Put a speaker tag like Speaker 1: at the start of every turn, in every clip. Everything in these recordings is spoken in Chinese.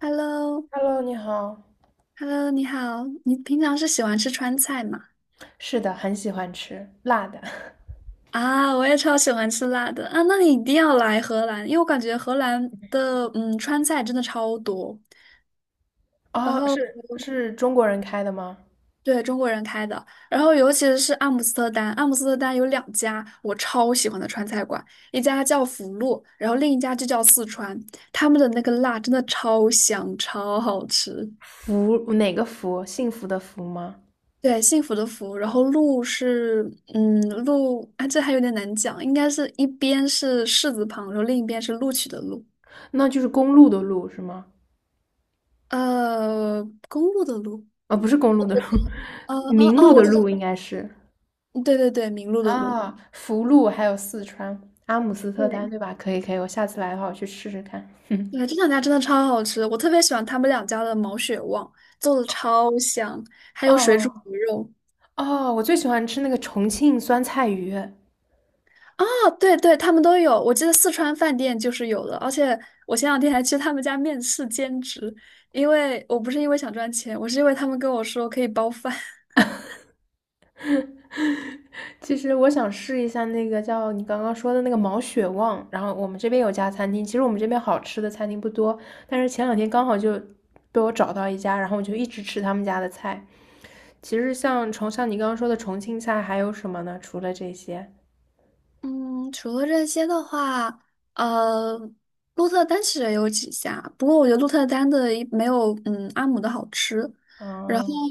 Speaker 1: h e l l o
Speaker 2: Hello，你好。
Speaker 1: h e l l o 你好，你平常是喜欢吃川菜吗？
Speaker 2: 是的，很喜欢吃辣的。
Speaker 1: 啊，我也超喜欢吃辣的啊，那你一定要来荷兰，因为我感觉荷兰的川菜真的超多，然
Speaker 2: 哦，
Speaker 1: 后
Speaker 2: 是中国人开的吗？
Speaker 1: 对，中国人开的，然后尤其是阿姆斯特丹，阿姆斯特丹有两家我超喜欢的川菜馆，一家叫福禄，然后另一家就叫四川，他们的那个辣真的超香，超好吃。
Speaker 2: 福，哪个福？幸福的福吗？
Speaker 1: 对，幸福的福，然后鹿是，嗯，鹿啊，这还有点难讲，应该是一边是士字旁，然后另一边是录取的录，
Speaker 2: 那就是公路的路是吗？
Speaker 1: 公路的路，
Speaker 2: 啊、不是公路的路，
Speaker 1: 哦 哦
Speaker 2: 明
Speaker 1: 哦，
Speaker 2: 路的
Speaker 1: 我知道，
Speaker 2: 路应该是
Speaker 1: 嗯对对对，名录的录，
Speaker 2: 啊，福路还有四川阿姆斯特丹
Speaker 1: 对
Speaker 2: 对吧？可以可以，我下次来的话我去试试看。
Speaker 1: 对，这两家真的超好吃，我特别喜欢他们两家的毛血旺，做的超香，还有水煮
Speaker 2: 哦
Speaker 1: 鱼肉。
Speaker 2: 哦，我最喜欢吃那个重庆酸菜鱼。
Speaker 1: 啊，对对，他们都有，我记得四川饭店就是有的，而且我前两天还去他们家面试兼职，因为我不是因为想赚钱，我是因为他们跟我说可以包饭。
Speaker 2: 其实我想试一下那个叫你刚刚说的那个毛血旺，然后我们这边有家餐厅，其实我们这边好吃的餐厅不多，但是前两天刚好就被我找到一家，然后我就一直吃他们家的菜。其实像像你刚刚说的重庆菜还有什么呢？除了这些，
Speaker 1: 嗯，除了这些的话，呃，鹿特丹其实也有几家，不过我觉得鹿特丹的一没有阿姆的好吃。然后
Speaker 2: 嗯，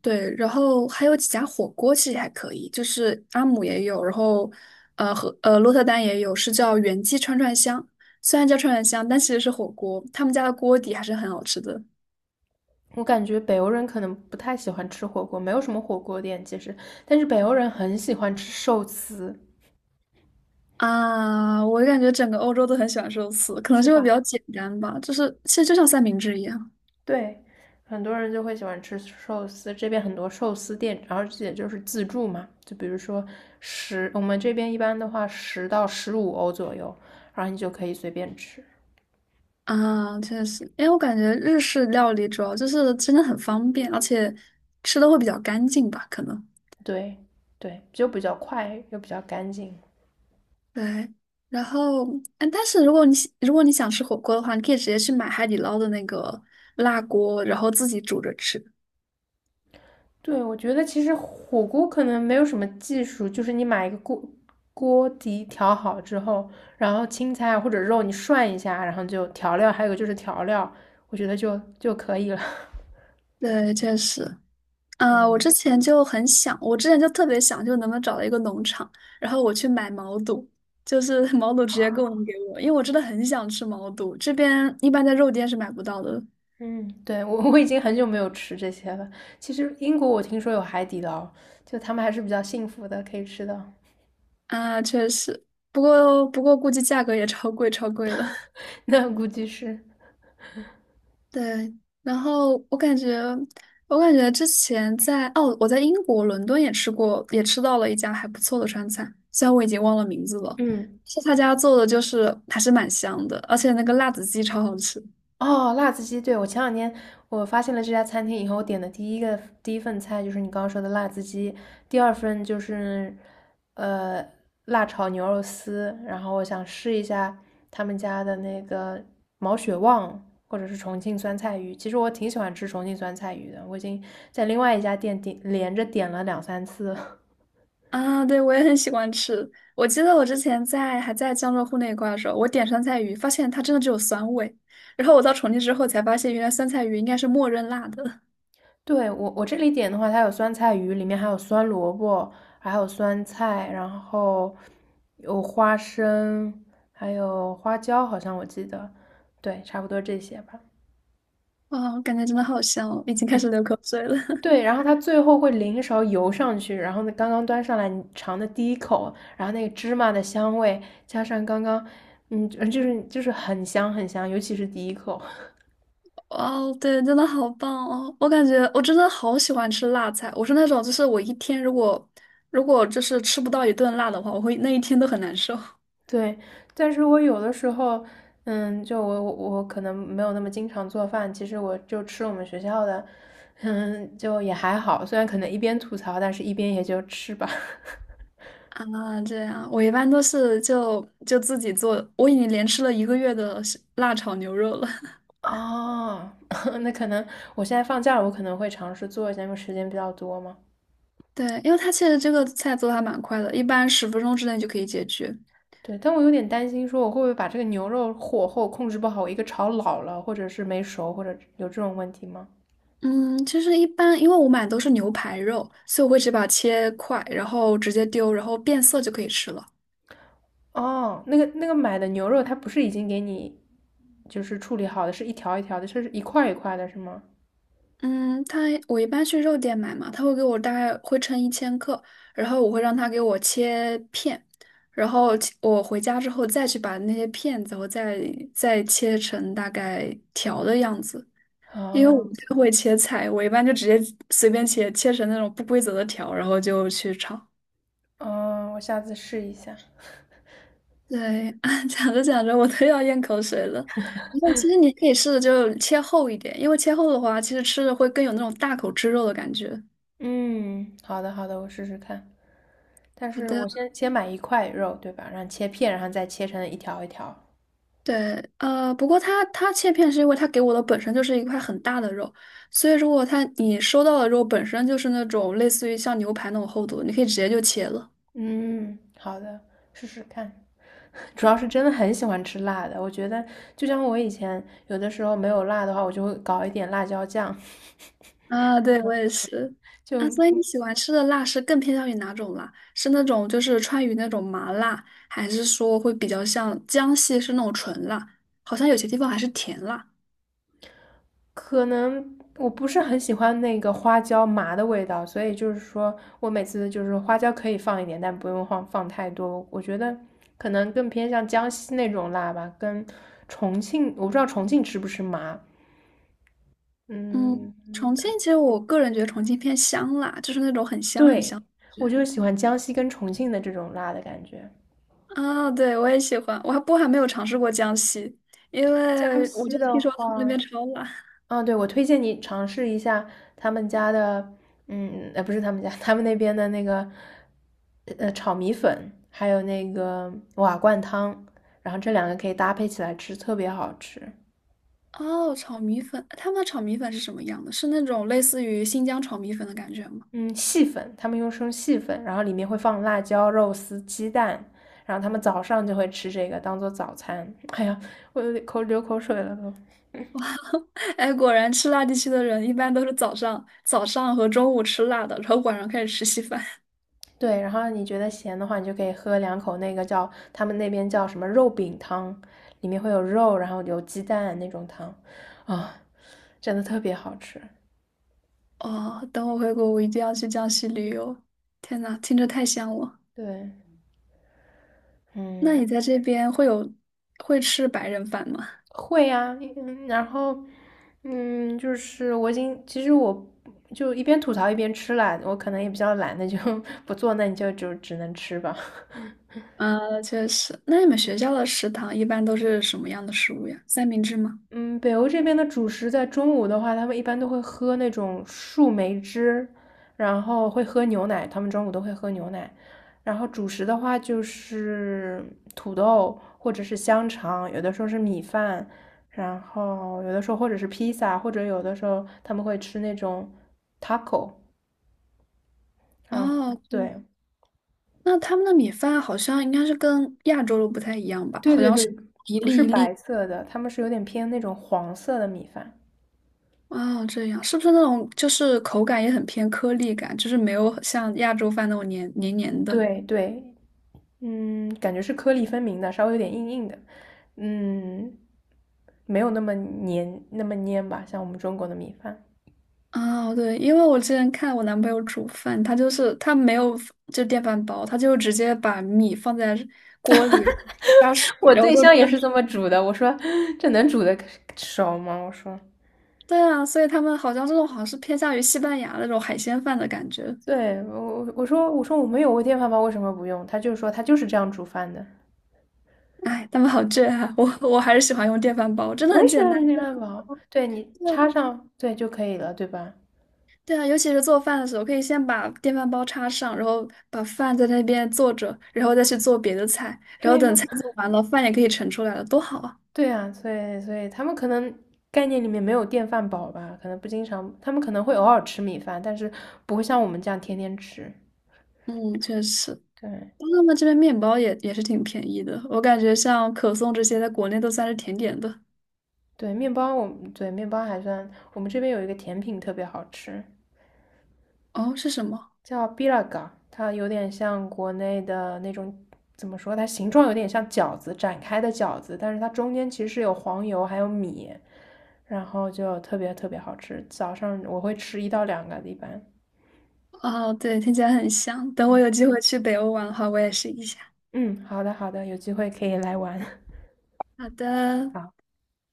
Speaker 1: 对，然后还有几家火锅其实还可以，就是阿姆也有，然后和鹿特丹也有，是叫元记串串香，虽然叫串串香，但其实是火锅，他们家的锅底还是很好吃的。
Speaker 2: 我感觉北欧人可能不太喜欢吃火锅，没有什么火锅店其实，但是北欧人很喜欢吃寿司，
Speaker 1: 啊，我感觉整个欧洲都很喜欢寿司，可能是
Speaker 2: 是
Speaker 1: 因为比
Speaker 2: 吧？
Speaker 1: 较简单吧，就是其实就像三明治一样。
Speaker 2: 对，很多人就会喜欢吃寿司，这边很多寿司店，然后这也就是自助嘛，就比如说我们这边一般的话10到15欧左右，然后你就可以随便吃。
Speaker 1: 啊，确实，因为我感觉日式料理主要就是真的很方便，而且吃的会比较干净吧，可能。
Speaker 2: 对，对，就比较快又比较干净。
Speaker 1: 对，然后，但是如果如果你想吃火锅的话，你可以直接去买海底捞的那个辣锅，然后自己煮着吃。
Speaker 2: 对，我觉得其实火锅可能没有什么技术，就是你买一个锅，锅底调好之后，然后青菜或者肉你涮一下，然后就调料，还有就是调料，我觉得就可以了。
Speaker 1: 对，确实，啊，我
Speaker 2: 嗯。
Speaker 1: 之前就很想，我之前就特别想，就能不能找到一个农场，然后我去买毛肚，就是毛肚直接供应给我，因为我真的很想吃毛肚，这边一般在肉店是买不到的。
Speaker 2: 嗯，对，我已经很久没有吃这些了。其实英国我听说有海底捞，就他们还是比较幸福的，可以吃的。
Speaker 1: 啊，确实，不过估计价格也超贵，超贵了。
Speaker 2: 那估计是，
Speaker 1: 对，然后我感觉，我感觉之前在我在英国伦敦也吃过，也吃到了一家还不错的川菜，虽然我已经忘了名字了，
Speaker 2: 嗯。
Speaker 1: 是他家做的，就是还是蛮香的，而且那个辣子鸡超好吃。
Speaker 2: 哦，辣子鸡，对，我前两天我发现了这家餐厅以后，我点的第一份菜就是你刚刚说的辣子鸡，第二份就是呃辣炒牛肉丝，然后我想试一下他们家的那个毛血旺或者是重庆酸菜鱼，其实我挺喜欢吃重庆酸菜鱼的，我已经在另外一家店连着点了两三次了
Speaker 1: 啊！对，我也很喜欢吃。我记得我之前还在江浙沪那一块的时候，我点酸菜鱼，发现它真的只有酸味，然后我到重庆之后才发现，原来酸菜鱼应该是默认辣的。
Speaker 2: 对，我这里点的话，它有酸菜鱼，里面还有酸萝卜，还有酸菜，然后有花生，还有花椒，好像我记得，对，差不多这些吧。
Speaker 1: 哇，我感觉真的好香哦，已经开始流口水了。
Speaker 2: 对，然后它最后会淋一勺油上去，然后呢，刚刚端上来，你尝的第一口，然后那个芝麻的香味，加上刚刚，嗯，就是很香很香，尤其是第一口。
Speaker 1: 哇哦，对，真的好棒哦！我感觉我真的好喜欢吃辣菜，我是那种就是我一天如果就是吃不到一顿辣的话，我会那一天都很难受。
Speaker 2: 对，但是我有的时候，就我可能没有那么经常做饭，其实我就吃我们学校的，就也还好，虽然可能一边吐槽，但是一边也就吃吧。
Speaker 1: 啊。这样，我一般都是就自己做，我已经连吃了1个月的是辣炒牛肉了。
Speaker 2: 哦，那可能我现在放假了，我可能会尝试做一下，因为时间比较多嘛。
Speaker 1: 对，因为它其实这个菜做的还蛮快的，一般10分钟之内就可以解决。
Speaker 2: 对，但我有点担心，说我会不会把这个牛肉火候控制不好，我一个炒老了，或者是没熟，或者有这种问题吗？
Speaker 1: 嗯，其实一般，因为我买的都是牛排肉，所以我会直接把它切块，然后直接丢，然后变色就可以吃了。
Speaker 2: 哦，那个买的牛肉，它不是已经给你就是处理好的，是一条一条的，是一块一块的，是吗？
Speaker 1: 嗯，他我一般去肉店买嘛，他会给我大概会称1千克，然后我会让他给我切片，然后切我回家之后再去把那些片子，我再切成大概条的样子。因为我不
Speaker 2: 哦，
Speaker 1: 太会切菜，我一般就直接随便切，切成那种不规则的条，然后就去炒。
Speaker 2: 嗯，我下次试一下。
Speaker 1: 对，讲着讲着我都要咽口水了。然后其实你可以试着就切厚一点，因为切厚的话，其实吃着会更有那种大口吃肉的感觉。
Speaker 2: 嗯，好的，好的，我试试看。但
Speaker 1: 好
Speaker 2: 是我
Speaker 1: 的。
Speaker 2: 先买一块肉，对吧？然后切片，然后再切成一条一条。
Speaker 1: 对，不过它切片是因为它给我的本身就是一块很大的肉，所以如果它你收到的肉本身就是那种类似于像牛排那种厚度，你可以直接就切了。
Speaker 2: 嗯，好的，试试看。主要是真的很喜欢吃辣的，我觉得就像我以前有的时候没有辣的话，我就会搞一点辣椒酱，
Speaker 1: 啊，对，我也是。啊，所以你
Speaker 2: 就
Speaker 1: 喜欢吃的辣是更偏向于哪种辣？是那种就是川渝那种麻辣，还是说会比较像江西是那种纯辣？好像有些地方还是甜辣。
Speaker 2: 可能我不是很喜欢那个花椒麻的味道，所以就是说我每次就是花椒可以放一点，但不用放太多。我觉得可能更偏向江西那种辣吧，跟重庆，我不知道重庆吃不吃麻。
Speaker 1: 嗯，
Speaker 2: 嗯，
Speaker 1: 重庆其实我个人觉得重庆偏香辣，就是那种很香很
Speaker 2: 对，
Speaker 1: 香。
Speaker 2: 我就喜欢江西跟重庆的这种辣的感觉。
Speaker 1: 啊，对，我也喜欢，不过还没有尝试过江西，因
Speaker 2: 江
Speaker 1: 为我
Speaker 2: 西
Speaker 1: 就
Speaker 2: 的
Speaker 1: 听说他们那边
Speaker 2: 话，
Speaker 1: 超辣。
Speaker 2: 啊，对，我推荐你尝试一下他们家的，不是他们家，他们那边的那个，炒米粉，还有那个瓦罐汤，然后这两个可以搭配起来吃，特别好吃。
Speaker 1: 哦，炒米粉，他们的炒米粉是什么样的？是那种类似于新疆炒米粉的感觉吗？
Speaker 2: 嗯，细粉，他们用生细粉，然后里面会放辣椒、肉丝、鸡蛋，然后他们早上就会吃这个当做早餐。哎呀，我有点流口水了都。
Speaker 1: 哎，果然吃辣地区的人一般都是早上和中午吃辣的，然后晚上开始吃稀饭。
Speaker 2: 对，然后你觉得咸的话，你就可以喝两口那个叫他们那边叫什么肉饼汤，里面会有肉，然后有鸡蛋那种汤，啊，真的特别好吃。
Speaker 1: 哦，等我回国，我一定要去江西旅游。天呐，听着太香了。
Speaker 2: 对，
Speaker 1: 那你
Speaker 2: 嗯，
Speaker 1: 在这边会吃白人饭吗？
Speaker 2: 会呀，然后，就是我已经，其实我就一边吐槽一边吃啦，我可能也比较懒，那就 不做，那你就只能吃吧。
Speaker 1: 呃，确实。那你们学校的食堂一般都是什么样的食物呀？三明治吗？
Speaker 2: 嗯，北欧这边的主食在中午的话，他们一般都会喝那种树莓汁，然后会喝牛奶，他们中午都会喝牛奶。然后主食的话就是土豆或者是香肠，有的时候是米饭，然后有的时候或者是披萨，或者有的时候他们会吃那种 taco，然后
Speaker 1: 哦，对。
Speaker 2: 对
Speaker 1: 那他们的米饭好像应该是跟亚洲的不太一样吧？
Speaker 2: 对
Speaker 1: 好
Speaker 2: 对
Speaker 1: 像是
Speaker 2: 对，
Speaker 1: 一
Speaker 2: 不
Speaker 1: 粒
Speaker 2: 是
Speaker 1: 一
Speaker 2: 白
Speaker 1: 粒。
Speaker 2: 色的，他们是有点偏那种黄色的米饭。
Speaker 1: 哦，这样是不是那种就是口感也很偏颗粒感，就是没有像亚洲饭那种黏黏黏的？
Speaker 2: 对对，感觉是颗粒分明的，稍微有点硬硬的，嗯，没有那么黏那么粘吧，像我们中国的米饭。
Speaker 1: 哦，对，因为我之前看我男朋友煮饭，他没有就电饭煲，他就直接把米放在锅里加水，
Speaker 2: 我
Speaker 1: 然后
Speaker 2: 对
Speaker 1: 就
Speaker 2: 象也
Speaker 1: 蒸。
Speaker 2: 是这么煮的，我说这能煮的熟吗？我说，
Speaker 1: 对啊，所以他们好像这种好像是偏向于西班牙那种海鲜饭的感觉。
Speaker 2: 对我说，我没有微电饭煲，为什么不用？他就说他就是这样煮饭的。
Speaker 1: 哎，他们好倔啊！我还是喜欢用电饭煲，真的
Speaker 2: 我也
Speaker 1: 很
Speaker 2: 喜
Speaker 1: 简
Speaker 2: 欢
Speaker 1: 单。
Speaker 2: 用电
Speaker 1: 对
Speaker 2: 饭
Speaker 1: 啊，
Speaker 2: 煲，对你
Speaker 1: 对
Speaker 2: 插
Speaker 1: 啊，
Speaker 2: 上对就可以了，对吧？
Speaker 1: 对啊，尤其是做饭的时候，可以先把电饭煲插上，然后把饭在那边做着，然后再去做别的菜，然后
Speaker 2: 对呀、
Speaker 1: 等菜做完了，饭也可以盛出来了，多好啊！
Speaker 2: 对啊，所以他们可能概念里面没有电饭煲吧，可能不经常，他们可能会偶尔吃米饭，但是不会像我们这样天天吃。
Speaker 1: 嗯，确实，
Speaker 2: 对
Speaker 1: 他们这边面包也是挺便宜的，我感觉像可颂这些在国内都算是甜点的。
Speaker 2: 对，面包我们对面包还算，我们这边有一个甜品特别好吃，
Speaker 1: 哦，是什么？
Speaker 2: 叫 bilaga，它有点像国内的那种，怎么说？它形状有点像饺子展开的饺子，但是它中间其实是有黄油还有米，然后就特别特别好吃。早上我会吃一到两个一般。
Speaker 1: 哦，对，听起来很香。等我
Speaker 2: 嗯
Speaker 1: 有机会去北欧玩的话，我也试一下。
Speaker 2: 嗯，好的好的，有机会可以来玩。
Speaker 1: 好的，好，